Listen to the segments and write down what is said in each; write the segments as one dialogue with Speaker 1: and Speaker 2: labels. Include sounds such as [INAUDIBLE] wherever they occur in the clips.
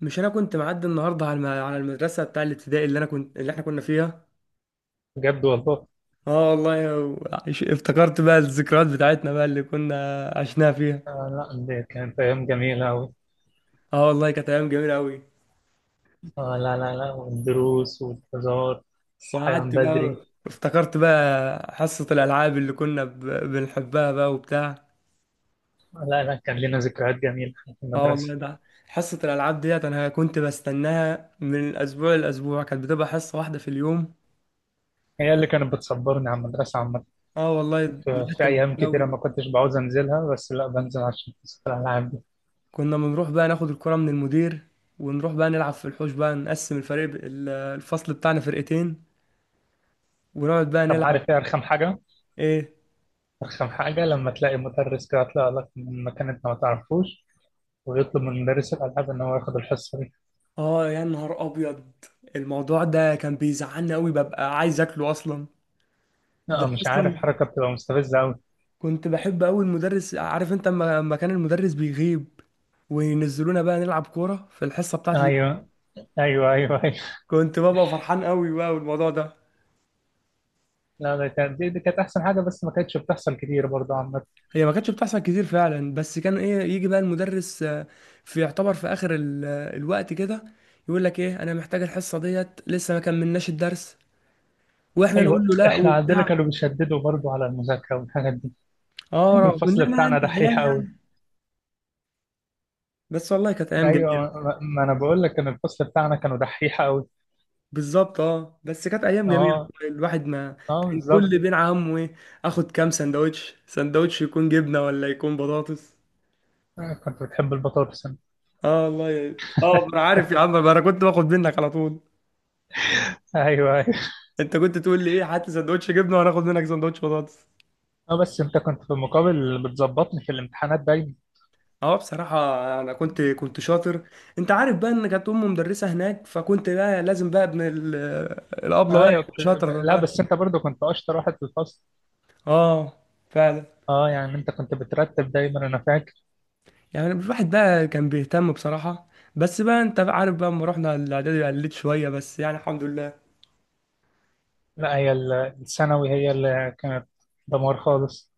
Speaker 1: مش انا كنت معدي النهارده على على المدرسه بتاع الابتدائي اللي انا كنت اللي احنا كنا فيها.
Speaker 2: بجد والله.
Speaker 1: اه والله افتكرت بقى الذكريات بتاعتنا بقى اللي كنا عشناها فيها.
Speaker 2: آه، لا، دي كانت أيام جميلة أوي.
Speaker 1: اه والله كانت ايام جميله قوي.
Speaker 2: آه، لا لا لا، والدروس والهزار. الصحيان
Speaker 1: وقعدت
Speaker 2: بدري.
Speaker 1: بقى افتكرت بقى حصه الالعاب اللي كنا بنحبها بقى وبتاع.
Speaker 2: آه، لا لا، كان لنا ذكريات جميلة في
Speaker 1: اه والله
Speaker 2: المدرسة.
Speaker 1: ده حصه الالعاب ديت انا كنت بستناها من الاسبوع للاسبوع، كانت بتبقى حصه واحده في اليوم.
Speaker 2: هي اللي كانت بتصبرني على المدرسة عامة.
Speaker 1: اه والله
Speaker 2: في,
Speaker 1: الواحد
Speaker 2: في
Speaker 1: كان
Speaker 2: أيام كتيرة
Speaker 1: بيحبها.
Speaker 2: ما كنتش بعوز أنزلها، بس لا بنزل عشان حصة الألعاب دي.
Speaker 1: كنا بنروح بقى ناخد الكرة من المدير ونروح بقى نلعب في الحوش بقى نقسم الفريق الفصل بتاعنا فرقتين ونقعد بقى
Speaker 2: طب
Speaker 1: نلعب.
Speaker 2: عارف إيه أرخم حاجة؟
Speaker 1: ايه.
Speaker 2: أرخم حاجة لما تلاقي مدرس كده يطلع لك من مكان أنت ما تعرفوش ويطلب من مدرس الألعاب إن هو ياخد الحصة دي.
Speaker 1: اه يا نهار ابيض. الموضوع ده كان بيزعلني قوي، ببقى عايز اكله اصلا. ده
Speaker 2: لا،
Speaker 1: أنا
Speaker 2: مش عارف،
Speaker 1: اصلا
Speaker 2: حركة بتبقى مستفزة أوي.
Speaker 1: كنت بحب قوي المدرس، عارف انت، أما كان المدرس بيغيب وينزلونا بقى نلعب كورة في الحصة بتاعتي دي
Speaker 2: أيوه، أيوه، أيوه، أيوه.
Speaker 1: كنت ببقى فرحان قوي بقى بالموضوع ده.
Speaker 2: لا، ده كانت دي كانت احسن حاجه، بس ما كانتش بتحصل كتير برضه عامه.
Speaker 1: هي ما كانتش بتحصل كتير فعلا، بس كان ايه، يجي بقى المدرس في يعتبر في اخر الوقت كده يقول لك ايه: انا محتاج الحصه ديت، لسه ما كملناش الدرس. واحنا نقول
Speaker 2: ايوه،
Speaker 1: له لا
Speaker 2: احنا عندنا
Speaker 1: وبتاع.
Speaker 2: كانوا بيشددوا برضه على المذاكره والحاجات دي.
Speaker 1: اه
Speaker 2: كان
Speaker 1: رغم ان
Speaker 2: الفصل
Speaker 1: احنا
Speaker 2: بتاعنا
Speaker 1: يعني
Speaker 2: دحيح
Speaker 1: عيال
Speaker 2: قوي.
Speaker 1: يعني، بس والله كانت ايام
Speaker 2: ايوه،
Speaker 1: جميله.
Speaker 2: ما انا بقول لك كان الفصل بتاعنا كانوا دحيح قوي.
Speaker 1: بالظبط اه، بس كانت ايام جميله،
Speaker 2: اه،
Speaker 1: الواحد ما
Speaker 2: اه،
Speaker 1: كان
Speaker 2: بالظبط.
Speaker 1: كل بين همه ايه، اخد كام سندوتش، سندوتش يكون جبنه ولا يكون بطاطس.
Speaker 2: آه، كنت بتحب البطاطس انت.
Speaker 1: اه والله انا عارف يا عم، انا كنت باخد منك على طول.
Speaker 2: ايوه، ايوه.
Speaker 1: انت كنت تقول لي ايه: هات لي سندوتش جبنه، وانا اخد منك سندوتش بطاطس.
Speaker 2: اه، بس انت كنت في المقابل بتظبطني في الامتحانات دايما.
Speaker 1: اه بصراحة، أنا كنت شاطر. أنت عارف بقى إن كانت أمي مدرسة هناك، فكنت بقى لازم بقى ابن الأبلة بقى
Speaker 2: ايوه
Speaker 1: يبقى
Speaker 2: كنت.
Speaker 1: شاطر
Speaker 2: لا،
Speaker 1: بقى.
Speaker 2: بس انت برضه كنت اشطر واحد في الفصل.
Speaker 1: اه فعلا.
Speaker 2: اه، يعني انت كنت بترتب دايما، انا فاكر.
Speaker 1: يعني الواحد بقى كان بيهتم بصراحة. بس بقى أنت بقى عارف بقى لما رحنا الإعدادي قلت شوية، بس يعني الحمد لله.
Speaker 2: لا، هي الثانوي هي اللي كانت دمار خالص.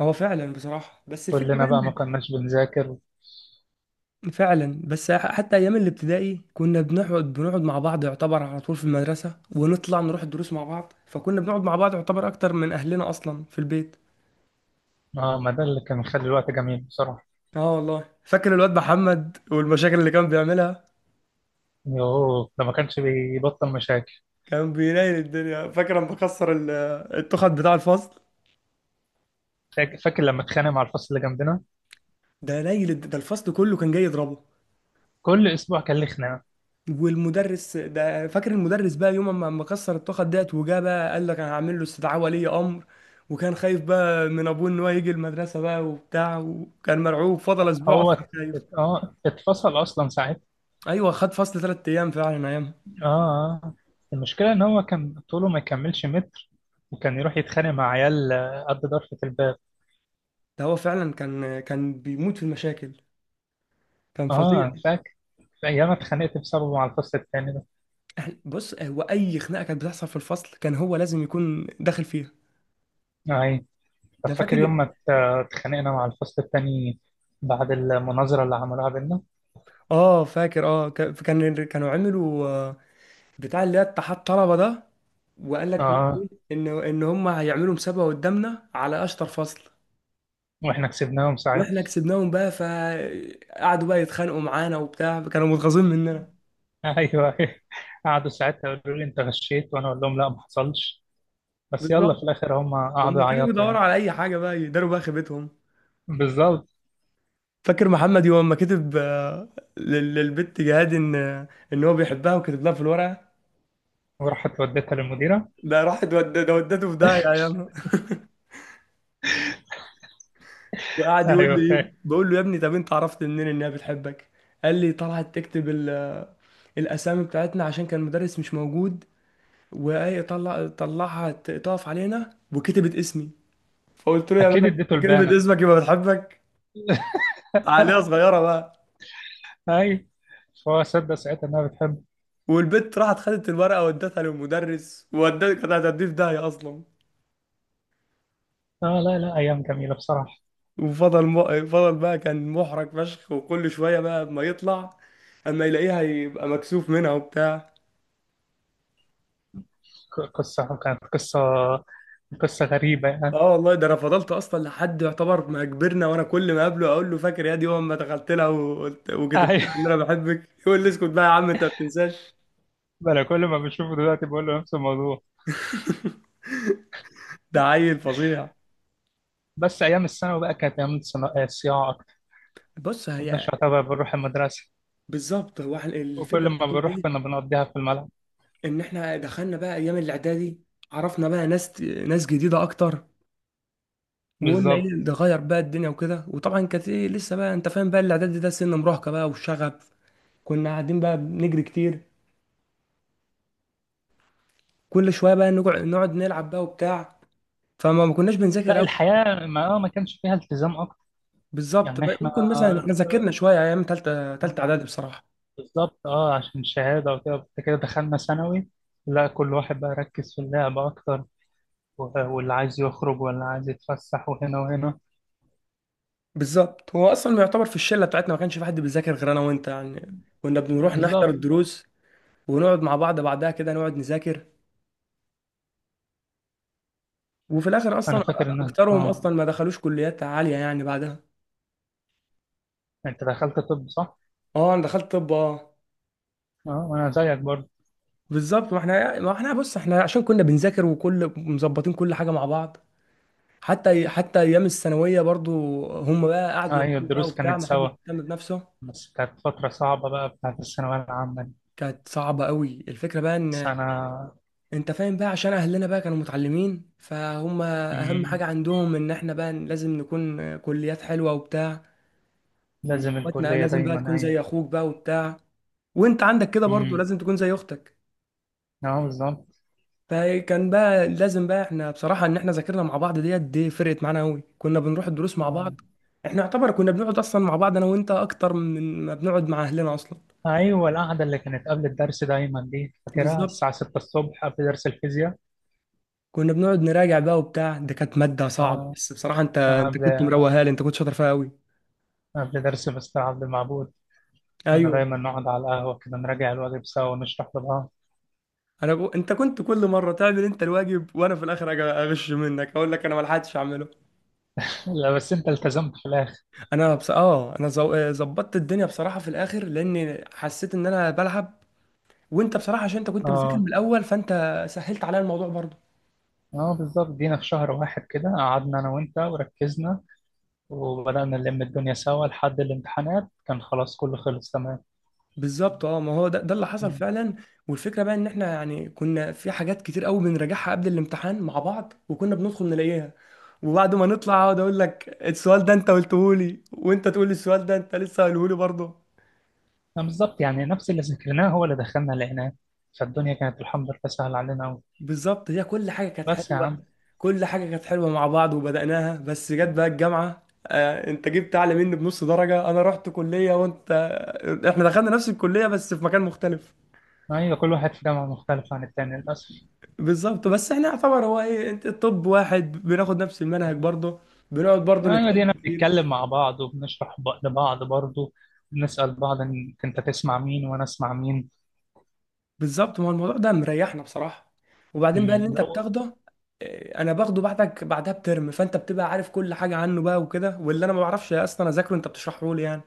Speaker 1: هو فعلا بصراحة، بس الفكرة
Speaker 2: كلنا
Speaker 1: بقى
Speaker 2: بقى ما
Speaker 1: إن
Speaker 2: كناش بنذاكر.
Speaker 1: فعلا، بس حتى أيام الابتدائي كنا بنقعد مع بعض يعتبر على طول في المدرسة، ونطلع نروح الدروس مع بعض، فكنا بنقعد مع بعض يعتبر أكتر من أهلنا أصلا في البيت.
Speaker 2: اه، ما ده اللي كان مخلي الوقت جميل بصراحة.
Speaker 1: اه والله فاكر الواد محمد والمشاكل اللي كان بيعملها.
Speaker 2: يوه، ده ما كانش بيبطل مشاكل.
Speaker 1: كان بينيل الدنيا. فاكر لما كسر التخت بتاع الفصل؟
Speaker 2: فاكر لما اتخانق مع الفصل اللي جنبنا.
Speaker 1: ده الفصل كله كان جاي يضربه.
Speaker 2: كل اسبوع كان ليه خناقة.
Speaker 1: والمدرس ده، فاكر المدرس بقى يوم ما كسر التخت ديت، وجا بقى قال لك انا هعمل له استدعاء ولي امر، وكان خايف بقى من ابوه ان هو يجي المدرسه بقى وبتاع، وكان مرعوب، فضل اسبوع
Speaker 2: هو
Speaker 1: اصلا
Speaker 2: ات-
Speaker 1: خايف.
Speaker 2: ات- اه اتفصل اصلا ساعتها.
Speaker 1: ايوه، خد فصل 3 ايام فعلا ايامها.
Speaker 2: اه. آه. المشكلة ان هو كان طوله ما يكملش متر، وكان يروح يتخانق مع عيال قد ضرفة الباب.
Speaker 1: ده هو فعلا كان بيموت في المشاكل، كان فظيع.
Speaker 2: اه، فاكر. ايام اتخانقت بسببه مع الفصل التاني ده.
Speaker 1: احنا بص، هو اي خناقه كانت بتحصل في الفصل كان هو لازم يكون داخل فيها.
Speaker 2: آه، اي. طب
Speaker 1: ده
Speaker 2: فاكر
Speaker 1: فاكر.
Speaker 2: يوم ما اتخانقنا مع الفصل التاني بعد المناظرة اللي عملوها بينا.
Speaker 1: اه فاكر، كانوا عملوا بتاع اللي هي اتحاد طلبه ده، وقال
Speaker 2: اه.
Speaker 1: لك
Speaker 2: آه.
Speaker 1: ان هم هيعملوا مسابقه قدامنا على اشطر فصل.
Speaker 2: واحنا كسبناهم ساعتها.
Speaker 1: واحنا كسبناهم بقى، فقعدوا بقى يتخانقوا معانا وبتاع، كانوا متغاظين مننا.
Speaker 2: [LAUGHS] ايوه. قعدوا ساعتها يقولوا لي انت غشيت، وانا اقول لهم لا، ما حصلش، بس يلا في
Speaker 1: بالظبط،
Speaker 2: الاخر هم قعدوا
Speaker 1: هم كانوا
Speaker 2: يعيطوا
Speaker 1: بيدوروا
Speaker 2: يعني.
Speaker 1: على اي حاجه بقى يداروا بقى خيبتهم.
Speaker 2: بالظبط.
Speaker 1: فاكر محمد يوم ما كتب للبت جهاد ان هو بيحبها وكتب لها في الورقه؟
Speaker 2: وراحت وديتها للمديره.
Speaker 1: ده ودته في داهيه ايامها.
Speaker 2: [LAUGHS]
Speaker 1: وقعد يقول
Speaker 2: ايوه،
Speaker 1: لي ايه،
Speaker 2: فاهم.
Speaker 1: بقول له يا ابني، طب انت عرفت منين ان هي بتحبك؟ قال لي طلعت تكتب الاسامي بتاعتنا عشان كان مدرس مش موجود، وهي طلعها تقف علينا وكتبت اسمي. فقلت له يا
Speaker 2: اكيد
Speaker 1: ولد،
Speaker 2: اديته
Speaker 1: كتبت
Speaker 2: البانه.
Speaker 1: اسمك يبقى بتحبك، عليها
Speaker 2: [LAUGHS]
Speaker 1: صغيره بقى.
Speaker 2: ايوه. فهو صدق ساعتها انها بتحب.
Speaker 1: والبت راحت خدت الورقه ودتها للمدرس، ودتها كانت هتديه في داهيه اصلا.
Speaker 2: اه، لا لا، ايام جميله بصراحه.
Speaker 1: فضل بقى كان محرج فشخ، وكل شويه بقى ما يطلع اما يلاقيها يبقى مكسوف منها وبتاع.
Speaker 2: قصه كانت قصه غريبه يعني.
Speaker 1: اه والله ده انا فضلت اصلا لحد يعتبر ما كبرنا، وانا كل ما اقابله اقول له فاكر يا دي يوم ما دخلت لها وقلت وكتبت
Speaker 2: ايوه.
Speaker 1: لها ان انا بحبك؟ يقول لي اسكت بقى يا عم، انت ما بتنساش.
Speaker 2: [LAUGHS] انا كل ما بشوفه دلوقتي بقول له نفس الموضوع.
Speaker 1: ده عيل فظيع.
Speaker 2: بس ايام الثانوي بقى كانت ايام الصياعه اكتر.
Speaker 1: بص
Speaker 2: كناش
Speaker 1: هي.
Speaker 2: يعتبر بنروح المدرسه،
Speaker 1: بالظبط، هو احنا الفكره
Speaker 2: وكل
Speaker 1: بقى
Speaker 2: ما
Speaker 1: إن
Speaker 2: بنروح
Speaker 1: ايه،
Speaker 2: كنا بنقضيها في الملعب.
Speaker 1: ان احنا دخلنا بقى ايام الاعدادي عرفنا بقى ناس جديده اكتر، وقلنا ايه
Speaker 2: بالظبط.
Speaker 1: نغير بقى الدنيا وكده. وطبعا كانت ايه، لسه بقى انت فاهم بقى، الاعدادي ده سن مراهقه بقى والشغف. كنا قاعدين بقى بنجري كتير، كل شويه بقى نقعد نلعب بقى وبتاع، فما ما كناش بنذاكر.
Speaker 2: لا، الحياة ما كانش فيها التزام أكتر.
Speaker 1: بالظبط،
Speaker 2: يعني إحنا
Speaker 1: ممكن مثلا احنا ذاكرنا شويه ايام ثالثه اعدادي بصراحه.
Speaker 2: بالظبط، أه، عشان الشهادة وكده، بعد كده دخلنا ثانوي. لا، كل واحد بقى ركز في اللعب أكتر، واللي عايز يخرج واللي عايز يتفسح وهنا وهنا.
Speaker 1: بالظبط، هو اصلا يعتبر في الشله بتاعتنا ما كانش في حد بيذاكر غير انا وانت يعني. كنا بنروح نحضر
Speaker 2: بالظبط.
Speaker 1: الدروس، ونقعد مع بعض بعدها كده نقعد نذاكر، وفي الاخر
Speaker 2: أنا
Speaker 1: اصلا
Speaker 2: فاكر إن
Speaker 1: اكترهم اصلا ما دخلوش كليات عاليه يعني بعدها.
Speaker 2: أنت دخلت طب، صح؟
Speaker 1: اه انا دخلت طب اه.
Speaker 2: أه، وأنا زيك برضه.
Speaker 1: بالظبط، ما احنا بص، احنا عشان كنا بنذاكر وكل مظبطين كل حاجه مع بعض، حتى ايام الثانويه برضو هم بقى
Speaker 2: أه،
Speaker 1: قعدوا
Speaker 2: أيوة،
Speaker 1: يلحقوا بقى
Speaker 2: الدروس
Speaker 1: وبتاع،
Speaker 2: كانت
Speaker 1: ما حدش
Speaker 2: سوا،
Speaker 1: يهتم بنفسه.
Speaker 2: بس كانت فترة صعبة بقى بتاعت الثانوية العامة دي
Speaker 1: كانت صعبة قوي، الفكرة بقى ان
Speaker 2: سنة.
Speaker 1: انت فاهم بقى عشان اهلنا بقى كانوا متعلمين، فهم اهم
Speaker 2: مم،
Speaker 1: حاجه عندهم ان احنا بقى لازم نكون كليات حلوه وبتاع.
Speaker 2: لازم
Speaker 1: واخواتنا
Speaker 2: الكلية
Speaker 1: لازم بقى
Speaker 2: دايما،
Speaker 1: تكون
Speaker 2: أيوة.
Speaker 1: زي اخوك بقى وبتاع، وانت عندك كده برضو
Speaker 2: امم،
Speaker 1: لازم تكون زي اختك.
Speaker 2: اه، بالظبط.
Speaker 1: فكان بقى لازم بقى احنا بصراحه ان احنا ذاكرنا مع بعض، ديت دي فرقت معانا قوي، كنا بنروح الدروس مع بعض.
Speaker 2: آه.
Speaker 1: احنا يعتبر كنا بنقعد اصلا مع بعض انا وانت اكتر من ما بنقعد مع اهلنا اصلا.
Speaker 2: ايوه، القعده اللي كانت قبل الدرس دايما دي فاكرها،
Speaker 1: بالظبط،
Speaker 2: الساعه 6 الصبح قبل درس الفيزياء.
Speaker 1: كنا بنقعد نراجع بقى وبتاع، ده كانت ماده صعبه،
Speaker 2: اه،
Speaker 1: بس بصراحه انت
Speaker 2: قبل
Speaker 1: كنت مروقها لي، انت كنت شاطر فيها قوي.
Speaker 2: قبل درس مستر عبد المعبود، كنا
Speaker 1: ايوه،
Speaker 2: دايما نقعد على القهوه كده نراجع الواجب سوا ونشرح لبعض.
Speaker 1: انت كنت كل مره تعمل انت الواجب، وانا في الاخر أجي اغش منك، اقول لك انا ما لحقتش اعمله.
Speaker 2: لا، بس انت التزمت في الاخر.
Speaker 1: انا بص... اه انا زو- آه، ظبطت الدنيا بصراحه في الاخر، لاني حسيت ان انا بلعب، وانت بصراحه عشان انت كنت بتذاكر من
Speaker 2: اه،
Speaker 1: الاول، فانت سهلت عليا الموضوع برضه.
Speaker 2: اه، بالظبط. جينا في شهر واحد كده قعدنا انا وانت وركزنا، وبدأنا نلم الدنيا سوا لحد الامتحانات كان خلاص كله خلص.
Speaker 1: بالظبط اه، ما هو ده اللي حصل
Speaker 2: تمام.
Speaker 1: فعلا. والفكره بقى ان احنا يعني كنا في حاجات كتير قوي بنراجعها قبل الامتحان مع بعض، وكنا بندخل نلاقيها، وبعد ما نطلع اقعد اقول لك السؤال ده انت قلته لي، وانت تقول لي السؤال ده انت لسه قايله لي برضه.
Speaker 2: بالظبط، يعني نفس اللي ذكرناه هو اللي دخلنا لقيناه، فالدنيا كانت الحمد لله سهلة علينا أوي.
Speaker 1: بالظبط، هي كل حاجة كانت
Speaker 2: بس يا
Speaker 1: حلوة.
Speaker 2: عم.
Speaker 1: كل حاجة كانت حلوة مع بعض وبدأناها، بس جت بقى الجامعة انت جبت اعلى مني بنص درجة، انا رحت كلية وانت احنا دخلنا نفس الكلية بس في مكان مختلف.
Speaker 2: أيوة، كل واحد في جامعة مختلفة عن التاني للأسف.
Speaker 1: بالظبط، بس احنا يعتبر هو ايه، انت الطب واحد بناخد نفس المنهج برضه، بنقعد برضه
Speaker 2: أيوة
Speaker 1: نتكلم
Speaker 2: دينا
Speaker 1: كتير.
Speaker 2: بنتكلم مع بعض وبنشرح لبعض برضه. بنسأل بعض إن أنت تسمع مين وأنا أسمع مين.
Speaker 1: بالظبط، ما هو الموضوع ده مريحنا بصراحة. وبعدين بقى اللي انت
Speaker 2: لا هو-
Speaker 1: بتاخده انا باخده بعدك بعدها بترم، فانت بتبقى عارف كل حاجة عنه بقى وكده، واللي انا ما بعرفش اصلا اذاكره انت بتشرحه لي يعني.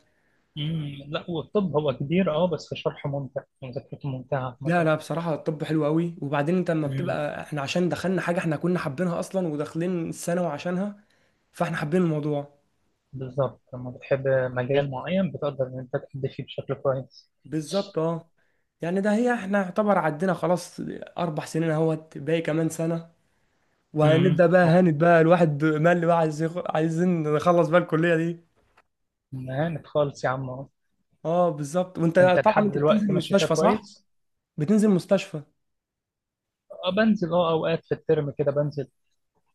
Speaker 2: أمم، لا هو الطب هو كبير، أه، بس شرحه ممتع ومذاكرته ممتعة
Speaker 1: لا
Speaker 2: مثلا.
Speaker 1: لا، بصراحة الطب حلو قوي. وبعدين انت لما
Speaker 2: أمم،
Speaker 1: بتبقى احنا عشان دخلنا حاجة احنا كنا حابينها اصلا، وداخلين الثانوي عشانها، فاحنا حابين الموضوع.
Speaker 2: بالظبط، لما بتحب مجال معين بتقدر إن أنت تأدي فيه بشكل كويس.
Speaker 1: بالظبط اه، يعني ده هي احنا يعتبر عدينا خلاص 4 سنين، اهوت باقي كمان سنة،
Speaker 2: أمم،
Speaker 1: وهنبدأ بقى
Speaker 2: أه،
Speaker 1: هانت بقى، الواحد مال بقى، عايزين نخلص بقى الكلية دي.
Speaker 2: مهانة خالص يا عم.
Speaker 1: اه بالظبط. وانت،
Speaker 2: انت
Speaker 1: طبعا
Speaker 2: لحد
Speaker 1: انت بتنزل
Speaker 2: دلوقتي ماشي فيها
Speaker 1: مستشفى، صح؟
Speaker 2: كويس.
Speaker 1: بتنزل مستشفى.
Speaker 2: اه، بنزل، اوقات في الترم كده بنزل،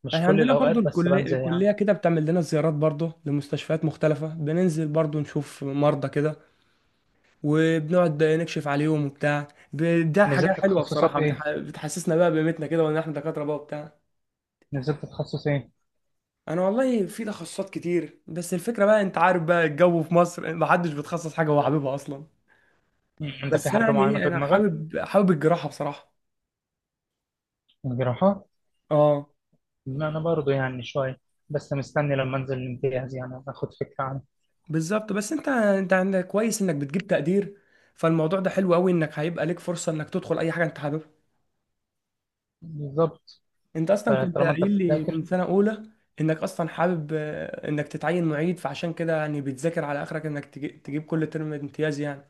Speaker 2: مش
Speaker 1: احنا
Speaker 2: كل
Speaker 1: عندنا برضو
Speaker 2: الاوقات بس
Speaker 1: الكلية
Speaker 2: بنزل يعني.
Speaker 1: الكلية كده بتعمل لنا زيارات برضو لمستشفيات مختلفة، بننزل برضو نشوف مرضى كده، وبنقعد نكشف عليهم وبتاع. ده حاجة
Speaker 2: نزلت
Speaker 1: حلوة
Speaker 2: تخصصات
Speaker 1: بصراحة،
Speaker 2: ايه؟
Speaker 1: بتحسسنا بقى بقيمتنا كده وان احنا دكاترة بقى وبتاع.
Speaker 2: نزلت تخصص ايه؟
Speaker 1: انا والله في تخصصات كتير، بس الفكرة بقى انت عارف بقى الجو في مصر محدش بيتخصص حاجة هو حاببها اصلا.
Speaker 2: مم. انت في
Speaker 1: بس انا
Speaker 2: حاجه
Speaker 1: يعني
Speaker 2: معينه
Speaker 1: ايه،
Speaker 2: في
Speaker 1: انا
Speaker 2: دماغك؟
Speaker 1: حابب الجراحة بصراحة.
Speaker 2: جراحه.
Speaker 1: اه
Speaker 2: لا، انا برضو يعني شويه، بس مستني لما انزل الامتياز يعني اخد فكره عنه.
Speaker 1: بالظبط، بس انت عندك كويس انك بتجيب تقدير، فالموضوع ده حلو قوي انك هيبقى ليك فرصة انك تدخل اي حاجة انت حاببها.
Speaker 2: بالظبط،
Speaker 1: انت اصلا كنت
Speaker 2: فطالما انت
Speaker 1: قايل لي
Speaker 2: بتذاكر.
Speaker 1: من سنه اولى انك اصلا حابب انك تتعين معيد، فعشان كده يعني بتذاكر على اخرك انك تجيب كل ترم امتياز يعني.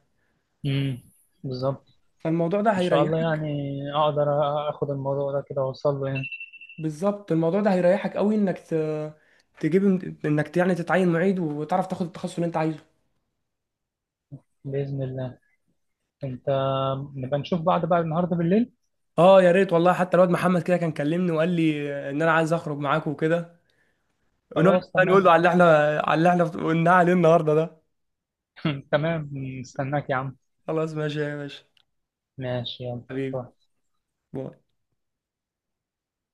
Speaker 2: امم، بالظبط.
Speaker 1: فالموضوع ده
Speaker 2: ان شاء الله
Speaker 1: هيريحك.
Speaker 2: يعني اقدر اخد الموضوع ده كده واوصل له يعني.
Speaker 1: بالظبط، الموضوع ده هيريحك قوي انك تجيب، انك يعني تتعين معيد وتعرف تاخد التخصص اللي انت عايزه.
Speaker 2: باذن الله. انت، نبقى نشوف بعض بقى النهارده بالليل.
Speaker 1: اه يا ريت والله. حتى الواد محمد كده كان كلمني وقال لي ان انا عايز اخرج معاك وكده، ونقعد
Speaker 2: خلاص،
Speaker 1: بقى نقول له
Speaker 2: تمام.
Speaker 1: على اللي احنا قلناه عليه النهارده ده.
Speaker 2: [LAUGHS] تمام، مستناك يا عم.
Speaker 1: خلاص ماشي يا باشا،
Speaker 2: ماشي، يلا.
Speaker 1: حبيبي،
Speaker 2: روح.
Speaker 1: باي.